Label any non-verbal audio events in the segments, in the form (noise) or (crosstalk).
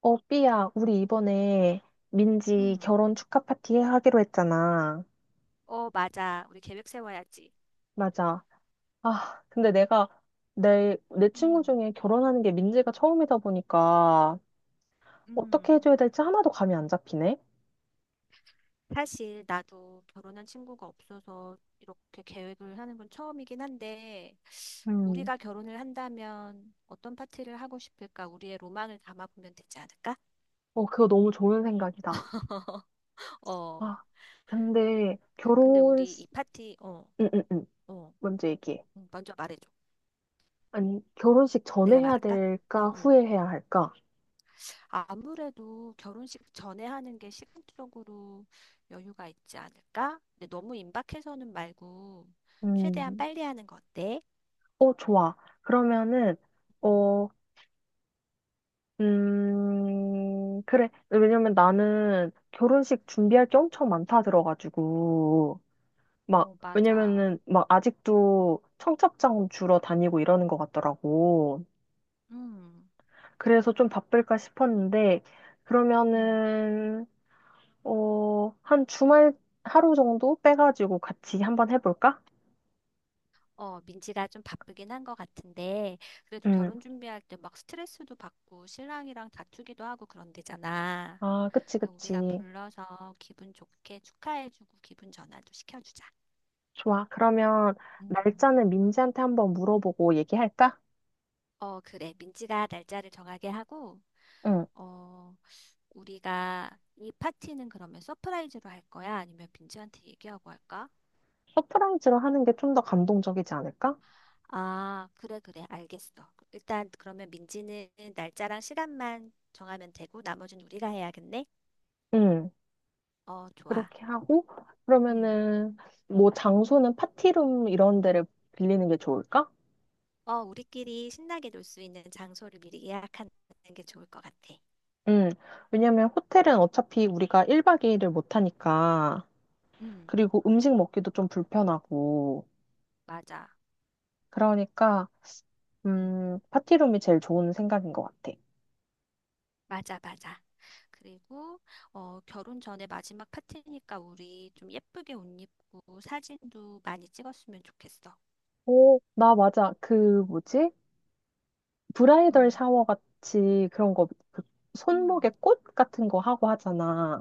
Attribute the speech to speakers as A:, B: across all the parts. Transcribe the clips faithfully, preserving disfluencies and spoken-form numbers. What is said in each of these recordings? A: 어, 삐야, 우리 이번에 민지
B: 응.
A: 결혼 축하 파티 하기로 했잖아.
B: 어, 맞아. 우리 계획 세워야지.
A: 맞아. 아, 근데 내가 내, 내 친구
B: 음,
A: 중에 결혼하는 게 민지가 처음이다 보니까 어떻게
B: 음,
A: 해줘야 될지 하나도 감이 안 잡히네.
B: 사실 나도 결혼한 친구가 없어서 이렇게 계획을 하는 건 처음이긴 한데
A: 음,
B: 우리가 결혼을 한다면 어떤 파티를 하고 싶을까? 우리의 로망을 담아보면 되지 않을까?
A: 어, 그거 너무 좋은 생각이다.
B: (laughs) 어,
A: 아, 근데
B: 근데
A: 결혼,
B: 우리 이 파티, 어,
A: 응, 응, 응.
B: 어,
A: 먼저 얘기해.
B: 응, 먼저 말해줘.
A: 아니, 결혼식 전에
B: 내가
A: 해야
B: 말할까? 응,
A: 될까,
B: 응.
A: 후에 해야 할까?
B: 아무래도 결혼식 전에 하는 게 시간적으로 여유가 있지 않을까? 근데 너무 임박해서는 말고 최대한
A: 음,
B: 빨리 하는 거 어때?
A: 어, 좋아. 그러면은,
B: 음.
A: 어, 음, 그래. 왜냐면 나는 결혼식 준비할 게 엄청 많다 들어가지고, 막,
B: 어, 맞아.
A: 왜냐면은 막 아직도 청첩장 주러 다니고 이러는 것 같더라고.
B: 음,
A: 그래서 좀 바쁠까 싶었는데,
B: 음.
A: 그러면은, 어, 한 주말 하루 정도 빼가지고 같이 한번 해볼까?
B: 어, 민지가 좀 바쁘긴 한 것 같은데, 그래도
A: 응.
B: 결혼 준비할 때 막 스트레스도 받고 신랑이랑 다투기도 하고 그런데잖아.
A: 아, 그치,
B: 그러니까 우리가
A: 그치.
B: 불러서 기분 좋게 축하해주고 기분 전환도 시켜주자.
A: 좋아. 그러면
B: 음.
A: 날짜는 민지한테 한번 물어보고 얘기할까?
B: 어, 그래. 민지가 날짜를 정하게 하고,
A: 응.
B: 어, 우리가 이 파티는 그러면 서프라이즈로 할 거야? 아니면 민지한테 얘기하고 할까?
A: 서프라이즈로 하는 게 좀 더 감동적이지 않을까?
B: 아, 그래, 그래, 알겠어. 일단 그러면 민지는 날짜랑 시간만 정하면 되고 나머지는 우리가 해야겠네?
A: 응,
B: 어, 좋아.
A: 그렇게 하고,
B: 응,
A: 그러면은, 뭐, 장소는 파티룸 이런 데를 빌리는 게 좋을까?
B: 어, 우리끼리 신나게 놀 수 있는 장소를 미리 예약하는 게 좋을 것 같아.
A: 응, 왜냐면 호텔은 어차피 우리가 일 박 이 일을 못 하니까,
B: 응,
A: 그리고 음식 먹기도 좀 불편하고,
B: 맞아.
A: 그러니까,
B: 응.
A: 음, 파티룸이 제일 좋은 생각인 것 같아.
B: 맞아, 맞아. 그리고 어, 결혼 전에 마지막 파티니까 우리 좀 예쁘게 옷 입고 사진도 많이 찍었으면 좋겠어.
A: 오, 나 맞아. 그, 뭐지? 브라이덜
B: 응,
A: 샤워 같이 그런 거, 그 손목에
B: 응.
A: 꽃 같은 거 하고 하잖아.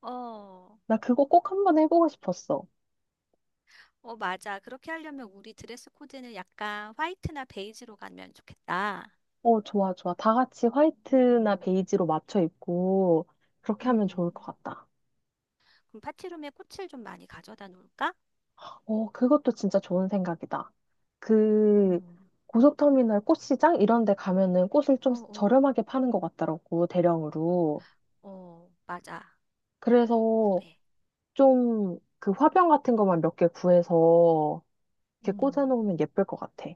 B: 어,
A: 나 그거 꼭 한번 해보고 싶었어.
B: 어, 맞아. 그렇게 하려면 우리 드레스 코드는 약간 화이트나 베이지로 가면 좋겠다.
A: 어, 좋아, 좋아. 다 같이 화이트나
B: 오,
A: 베이지로 맞춰 입고 그렇게 하면 좋을 것
B: 음,
A: 같다.
B: 그럼 파티룸에 꽃을 좀 많이 가져다 놓을까?
A: 어, 그것도 진짜 좋은 생각이다. 그
B: 음,
A: 고속터미널 꽃시장 이런 데 가면은 꽃을
B: 어,
A: 좀
B: 어,
A: 저렴하게 파는 것 같더라고, 대령으로.
B: 어, 맞아.
A: 그래서
B: 그래.
A: 좀 그 화병 같은 것만 몇 개 구해서 이렇게
B: 음.
A: 꽂아놓으면 예쁠 것 같아.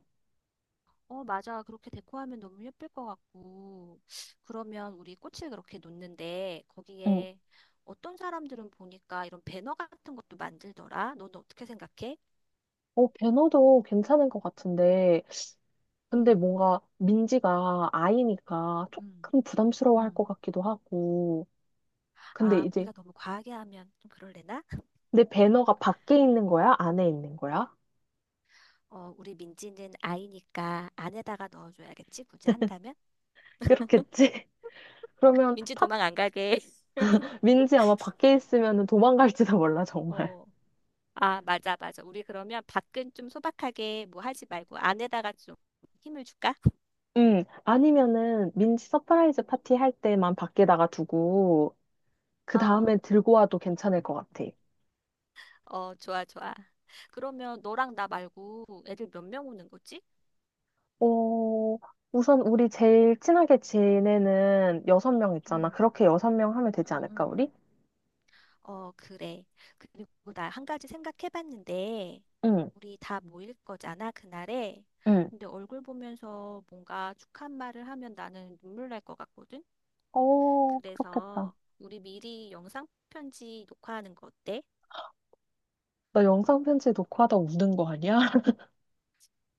B: 어, 맞아. 그렇게 데코하면 너무 예쁠 것 같고. 그러면 우리 꽃을 그렇게 놓는데
A: 응.
B: 거기에 어떤 사람들은 보니까 이런 배너 같은 것도 만들더라. 넌 어떻게 생각해?
A: 어, 배너도 괜찮은 것 같은데 근데
B: 음,
A: 뭔가 민지가 아이니까
B: 음,
A: 조금 부담스러워 할 것
B: 음.
A: 같기도 하고. 근데
B: 아,
A: 이제
B: 우리가 너무 과하게 하면 좀 그럴래나?
A: 내 배너가 밖에 있는 거야? 안에 있는 거야?
B: 어, 우리 민지는 아이니까 안에다가 넣어줘야겠지? 굳이 한다면?
A: 그렇겠지? (laughs) 그러면
B: 민지
A: 팟,
B: 도망 안 가게. (laughs)
A: 민지 아마 밖에 있으면 도망갈지도 몰라, 정말.
B: 어, 아, 맞아, 맞아. 우리 그러면 밖은 좀 소박하게 뭐 하지 말고 안에다가 좀 힘을 줄까?
A: 음, 아니면은 민지 서프라이즈 파티 할 때만 밖에다가 두고, 그
B: 어.
A: 다음에 들고 와도 괜찮을 것 같아.
B: 어, 좋아, 좋아. 그러면 너랑 나 말고 애들 몇 명 오는 거지?
A: 어, 우선 우리 제일 친하게 지내는 여섯 명 있잖아.
B: 응,
A: 그렇게 여섯 명 하면 되지
B: 응,
A: 않을까,
B: 응.
A: 우리?
B: 어, 그래. 그리고 나 한 가지 생각해봤는데,
A: 응.
B: 우리 다 모일 거잖아, 그날에.
A: 응.
B: 근데 얼굴 보면서 뭔가 축한 말을 하면 나는 눈물 날 것 같거든?
A: 어, 그렇겠다.
B: 그래서 우리 미리 영상 편지 녹화하는 거 어때?
A: 나 영상 편지 녹화 하다 우는 거 아니야? (laughs)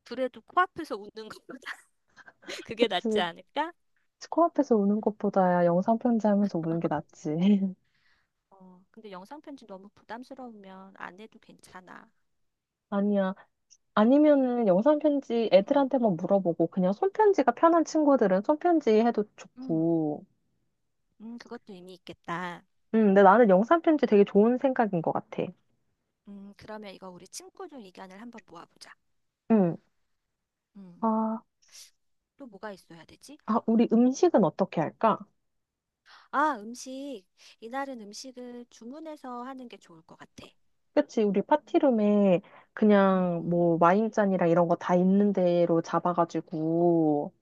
B: 그래도 코앞에서 웃는 것보다 (laughs) 그게 낫지
A: 그치.
B: 않을까?
A: 코앞에서 우는 것보다야 영상 편지 하면서 우는 게 낫지. (laughs)
B: 어, 근데 영상 편지 너무 부담스러우면 안 해도 괜찮아.
A: 아니야. 아니면은 영상 편지
B: 응,
A: 애들한테만 물어보고 그냥 손편지가 편한 친구들은 손편지 해도
B: 응.
A: 좋고.
B: 음, 그것도 의미 있겠다.
A: 음, 근데 나는 영상 편지 되게 좋은 생각인 것 같아.
B: 음, 그러면 이거 우리 친구들 의견을 한번 모아보자.
A: 응.
B: 음,
A: 아,
B: 또 뭐가 있어야 되지?
A: 아, 우리 음식은 어떻게 할까?
B: 아, 음식. 이날은 음식을 주문해서 하는 게 좋을 것 같아.
A: 그치, 우리 파티룸에
B: 음,
A: 그냥
B: 음,
A: 뭐 와인잔이랑 이런 거 다 있는 대로 잡아가지고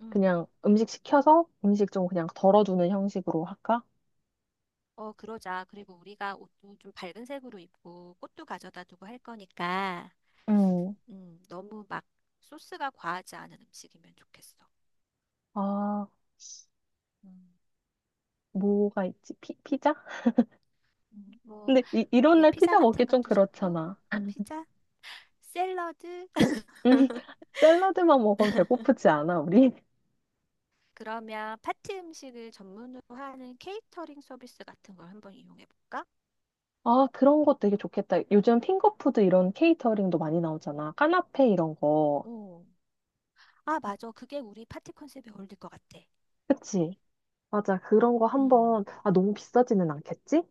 B: 음.
A: 그냥 음식 시켜서 음식 좀 그냥 덜어주는 형식으로 할까?
B: 어, 그러자. 그리고 우리가 옷도 좀 밝은 색으로 입고 꽃도 가져다 두고 할 거니까,
A: 음.
B: 음, 너무 막 소스가 과하지 않은 음식이면 좋겠어.
A: 아,
B: 음,
A: 뭐가 있지? 피, 피자?
B: 음, 뭐,
A: 근데 이, 이런
B: 그래,
A: 날
B: 피자
A: 피자 먹기
B: 같은
A: 좀
B: 것도 좋고,
A: 그렇잖아.
B: 피자, 샐러드,
A: 음, (laughs) 샐러드만 먹으면 배고프지 않아, 우리?
B: 그러면 파티 음식을 전문으로 하는 케이터링 서비스 같은 걸 한번 이용해 볼까?
A: 아, 그런 거 되게 좋겠다. 요즘 핑거푸드 이런 케이터링도 많이 나오잖아. 까나페 이런 거.
B: 오, 아, 맞아. 그게 우리 파티 컨셉에 어울릴 것 같아.
A: 그치? 맞아. 그런 거 한번,
B: 음,
A: 아, 너무 비싸지는 않겠지?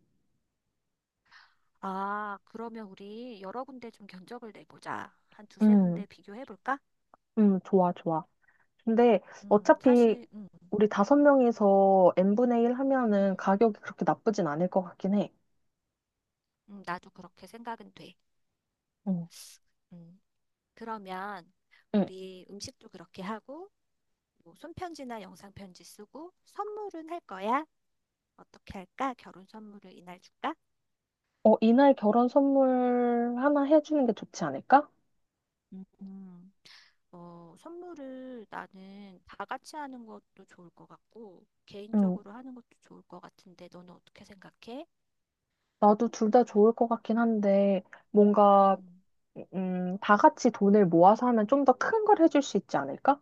B: 아, 그러면 우리 여러 군데 좀 견적을 내보자. 한 두세
A: 음,
B: 군데 비교해 볼까?
A: 음, 좋아, 좋아. 근데
B: 음,
A: 어차피
B: 사실, 음,
A: 우리 다섯 명이서 n분의 일 하면은
B: 음,
A: 가격이 그렇게 나쁘진 않을 것 같긴 해.
B: 음, 나도 그렇게 생각은 돼.
A: 응.
B: 음, 그러면
A: 응.
B: 우리 음식도 그렇게 하고, 뭐 손편지나 영상편지 쓰고, 선물은 할 거야? 어떻게 할까? 결혼 선물을 이날 줄까?
A: 어, 이날 결혼 선물 하나 해주는 게 좋지 않을까?
B: 음. 어, 선물을 나는 다 같이 하는 것도 좋을 것 같고,
A: 응.
B: 개인적으로 하는 것도 좋을 것 같은데, 너는 어떻게 생각해?
A: 나도 둘 다 좋을 것 같긴 한데, 뭔가,
B: 음.
A: 음, 다 같이 돈을 모아서 하면 좀 더 큰 걸 해줄 수 있지 않을까?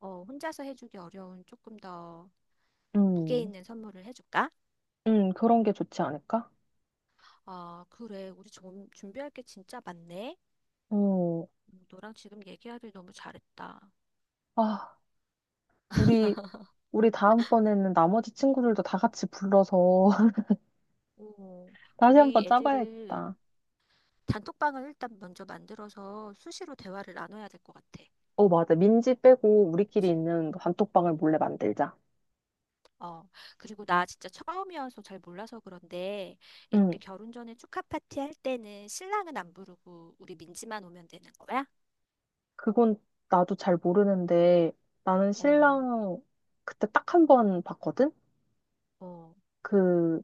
B: 어, 혼자서 해주기 어려운 조금 더 무게
A: 음,
B: 있는 선물을 해줄까?
A: 음, 그런 게 좋지 않을까?
B: 아, 그래. 우리 좀 준비할 게 진짜 많네.
A: 어.
B: 음, 너랑 지금 얘기하길 너무 잘했다.
A: 아, 우리, 우리 다음번에는 나머지 친구들도 다 같이 불러서 (laughs)
B: 오,
A: 다시 한번
B: 우리 애들을
A: 짜봐야겠다.
B: 단톡방을 일단 먼저 만들어서 수시로 대화를 나눠야 될 것 같아.
A: 어, 맞아. 민지 빼고 우리끼리
B: 그치?
A: 있는 단톡방을 몰래 만들자.
B: 어, 그리고 나 진짜 처음이어서 잘 몰라서 그런데
A: 응,
B: 이렇게 결혼 전에 축하 파티 할 때는 신랑은 안 부르고 우리 민지만 오면 되는 거야?
A: 그건 나도 잘 모르는데 나는
B: 어,
A: 신랑 그때 딱 한 번 봤거든?
B: 어,
A: 그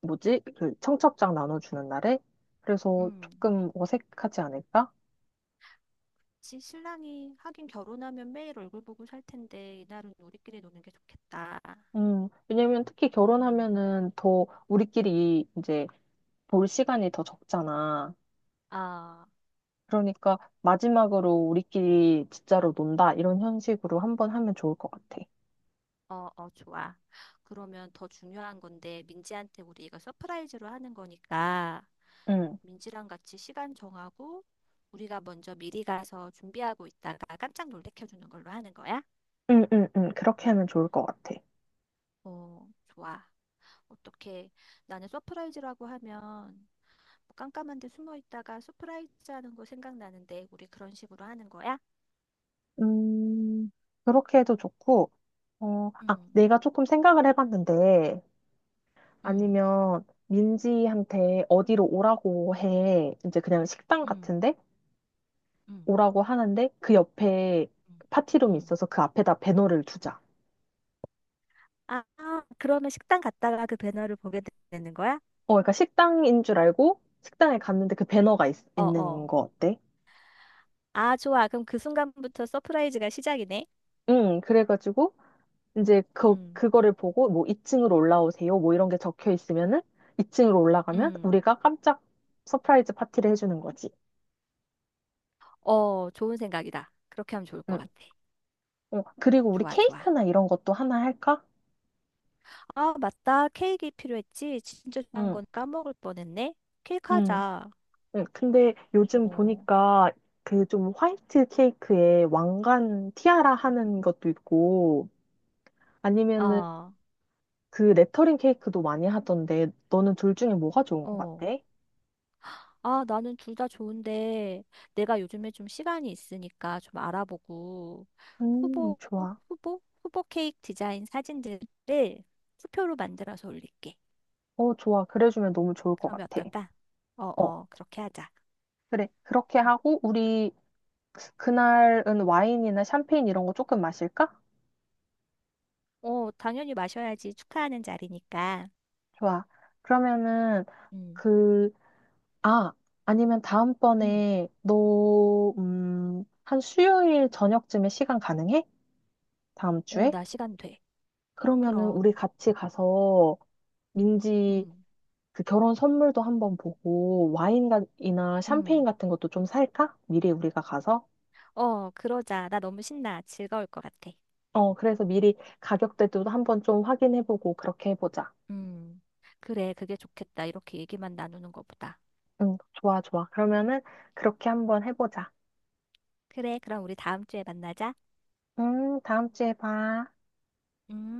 A: 뭐지? 그 청첩장 나눠주는 날에? 그래서
B: 음.
A: 조금 어색하지 않을까?
B: 그치, 신랑이 하긴 결혼하면 매일 얼굴 보고 살 텐데 이날은 우리끼리 노는 게 좋겠다.
A: 음, 왜냐면 특히
B: 음.
A: 결혼하면은 더 우리끼리 이제 볼 시간이 더 적잖아.
B: 아,
A: 그러니까 마지막으로 우리끼리 진짜로 논다 이런 형식으로 한 번 하면 좋을 것 같아.
B: 어, 어, 좋아. 그러면 더 중요한 건데 민지한테 우리가 서프라이즈로 하는 거니까
A: 응.
B: 민지랑 같이 시간 정하고 우리가 먼저 미리 가서 준비하고 있다가 깜짝 놀래켜 주는 걸로 하는 거야?
A: 응, 응, 응. 그렇게 하면 좋을 것 같아.
B: 어, 좋아. 어떻게, 나는 서프라이즈라고 하면 뭐 깜깜한 데 숨어 있다가 서프라이즈 하는 거 생각나는데 우리 그런 식으로 하는 거야?
A: 음, 그렇게 해도 좋고, 어, 아,
B: 응,
A: 내가 조금 생각을 해봤는데,
B: 응,
A: 아니면 민지한테 어디로 오라고 해. 이제 그냥 식당
B: 응,
A: 같은데?
B: 응,
A: 오라고 하는데, 그 옆에
B: 응,
A: 파티룸이
B: 응.
A: 있어서 그 앞에다 배너를 두자.
B: 아, 아, 그러면 식당 갔다가 그 배너를 보게 되는 거야?
A: 어, 그러니까 식당인 줄 알고, 식당에 갔는데 그 배너가 있,
B: 어,
A: 있는
B: 어.
A: 거 어때?
B: 아, 좋아. 그럼 그 순간부터 서프라이즈가 시작이네.
A: 응, 그래가지고, 이제 그
B: 응,
A: 그거를 보고 뭐 이 층으로 올라오세요. 뭐 이런 게 적혀 있으면은 이 층으로 올라가면
B: 응.
A: 우리가 깜짝 서프라이즈 파티를 해주는 거지.
B: 어, 좋은 생각이다. 그렇게 하면 좋을 것
A: 응.
B: 같아.
A: 어, 그리고 우리
B: 좋아, 좋아.
A: 케이크나 이런 것도 하나 할까?
B: 아, 맞다. 케이크 필요했지. 진짜 좋아하는
A: 응.
B: 건 까먹을 뻔했네. 케이크
A: 응.
B: 하자.
A: 응. 근데 요즘
B: 어.
A: 보니까 그 좀 화이트 케이크에 왕관 티아라 하는 것도 있고 아니면은
B: 아,
A: 그 레터링 케이크도 많이 하던데 너는 둘 중에 뭐가 좋은 것 같아?
B: 어. 아, 나는 둘 다 좋은데 내가 요즘에 좀 시간이 있으니까 좀 알아보고
A: 음,
B: 후보,
A: 좋아.
B: 후보, 후보 케이크 디자인 사진들을 투표로 만들어서 올릴게.
A: 어, 좋아. 그래주면 너무 좋을 것
B: 그러면
A: 같아.
B: 어떨까? 어,
A: 어.
B: 어, 그렇게 하자.
A: 그래, 그렇게
B: 어,
A: 하고, 우리, 그날은 와인이나 샴페인 이런 거 조금 마실까?
B: 어, 당연히 마셔야지. 축하하는 자리니까.
A: 좋아. 그러면은,
B: 음,
A: 그, 아, 아니면
B: 음.
A: 다음번에, 너, 음, 한 수요일 저녁쯤에 시간 가능해? 다음
B: 어,
A: 주에?
B: 나 시간 돼.
A: 그러면은,
B: 그럼,
A: 우리 같이 가서, 민지
B: 음,
A: 그 결혼 선물도 한번 보고, 와인이나 샴페인
B: 음,
A: 같은 것도 좀 살까? 미리 우리가 가서?
B: 어, 그러자. 나 너무 신나. 즐거울 것 같아.
A: 어, 그래서 미리 가격대도 한번 좀 확인해보고, 그렇게 해보자.
B: 음. 그래, 그게 좋겠다. 이렇게 얘기만 나누는 것보다.
A: 응, 좋아, 좋아. 그러면은 그렇게 한번 해보자.
B: 그래, 그럼 우리 다음 주에 만나자.
A: 음, 다음 주에 봐.
B: 음.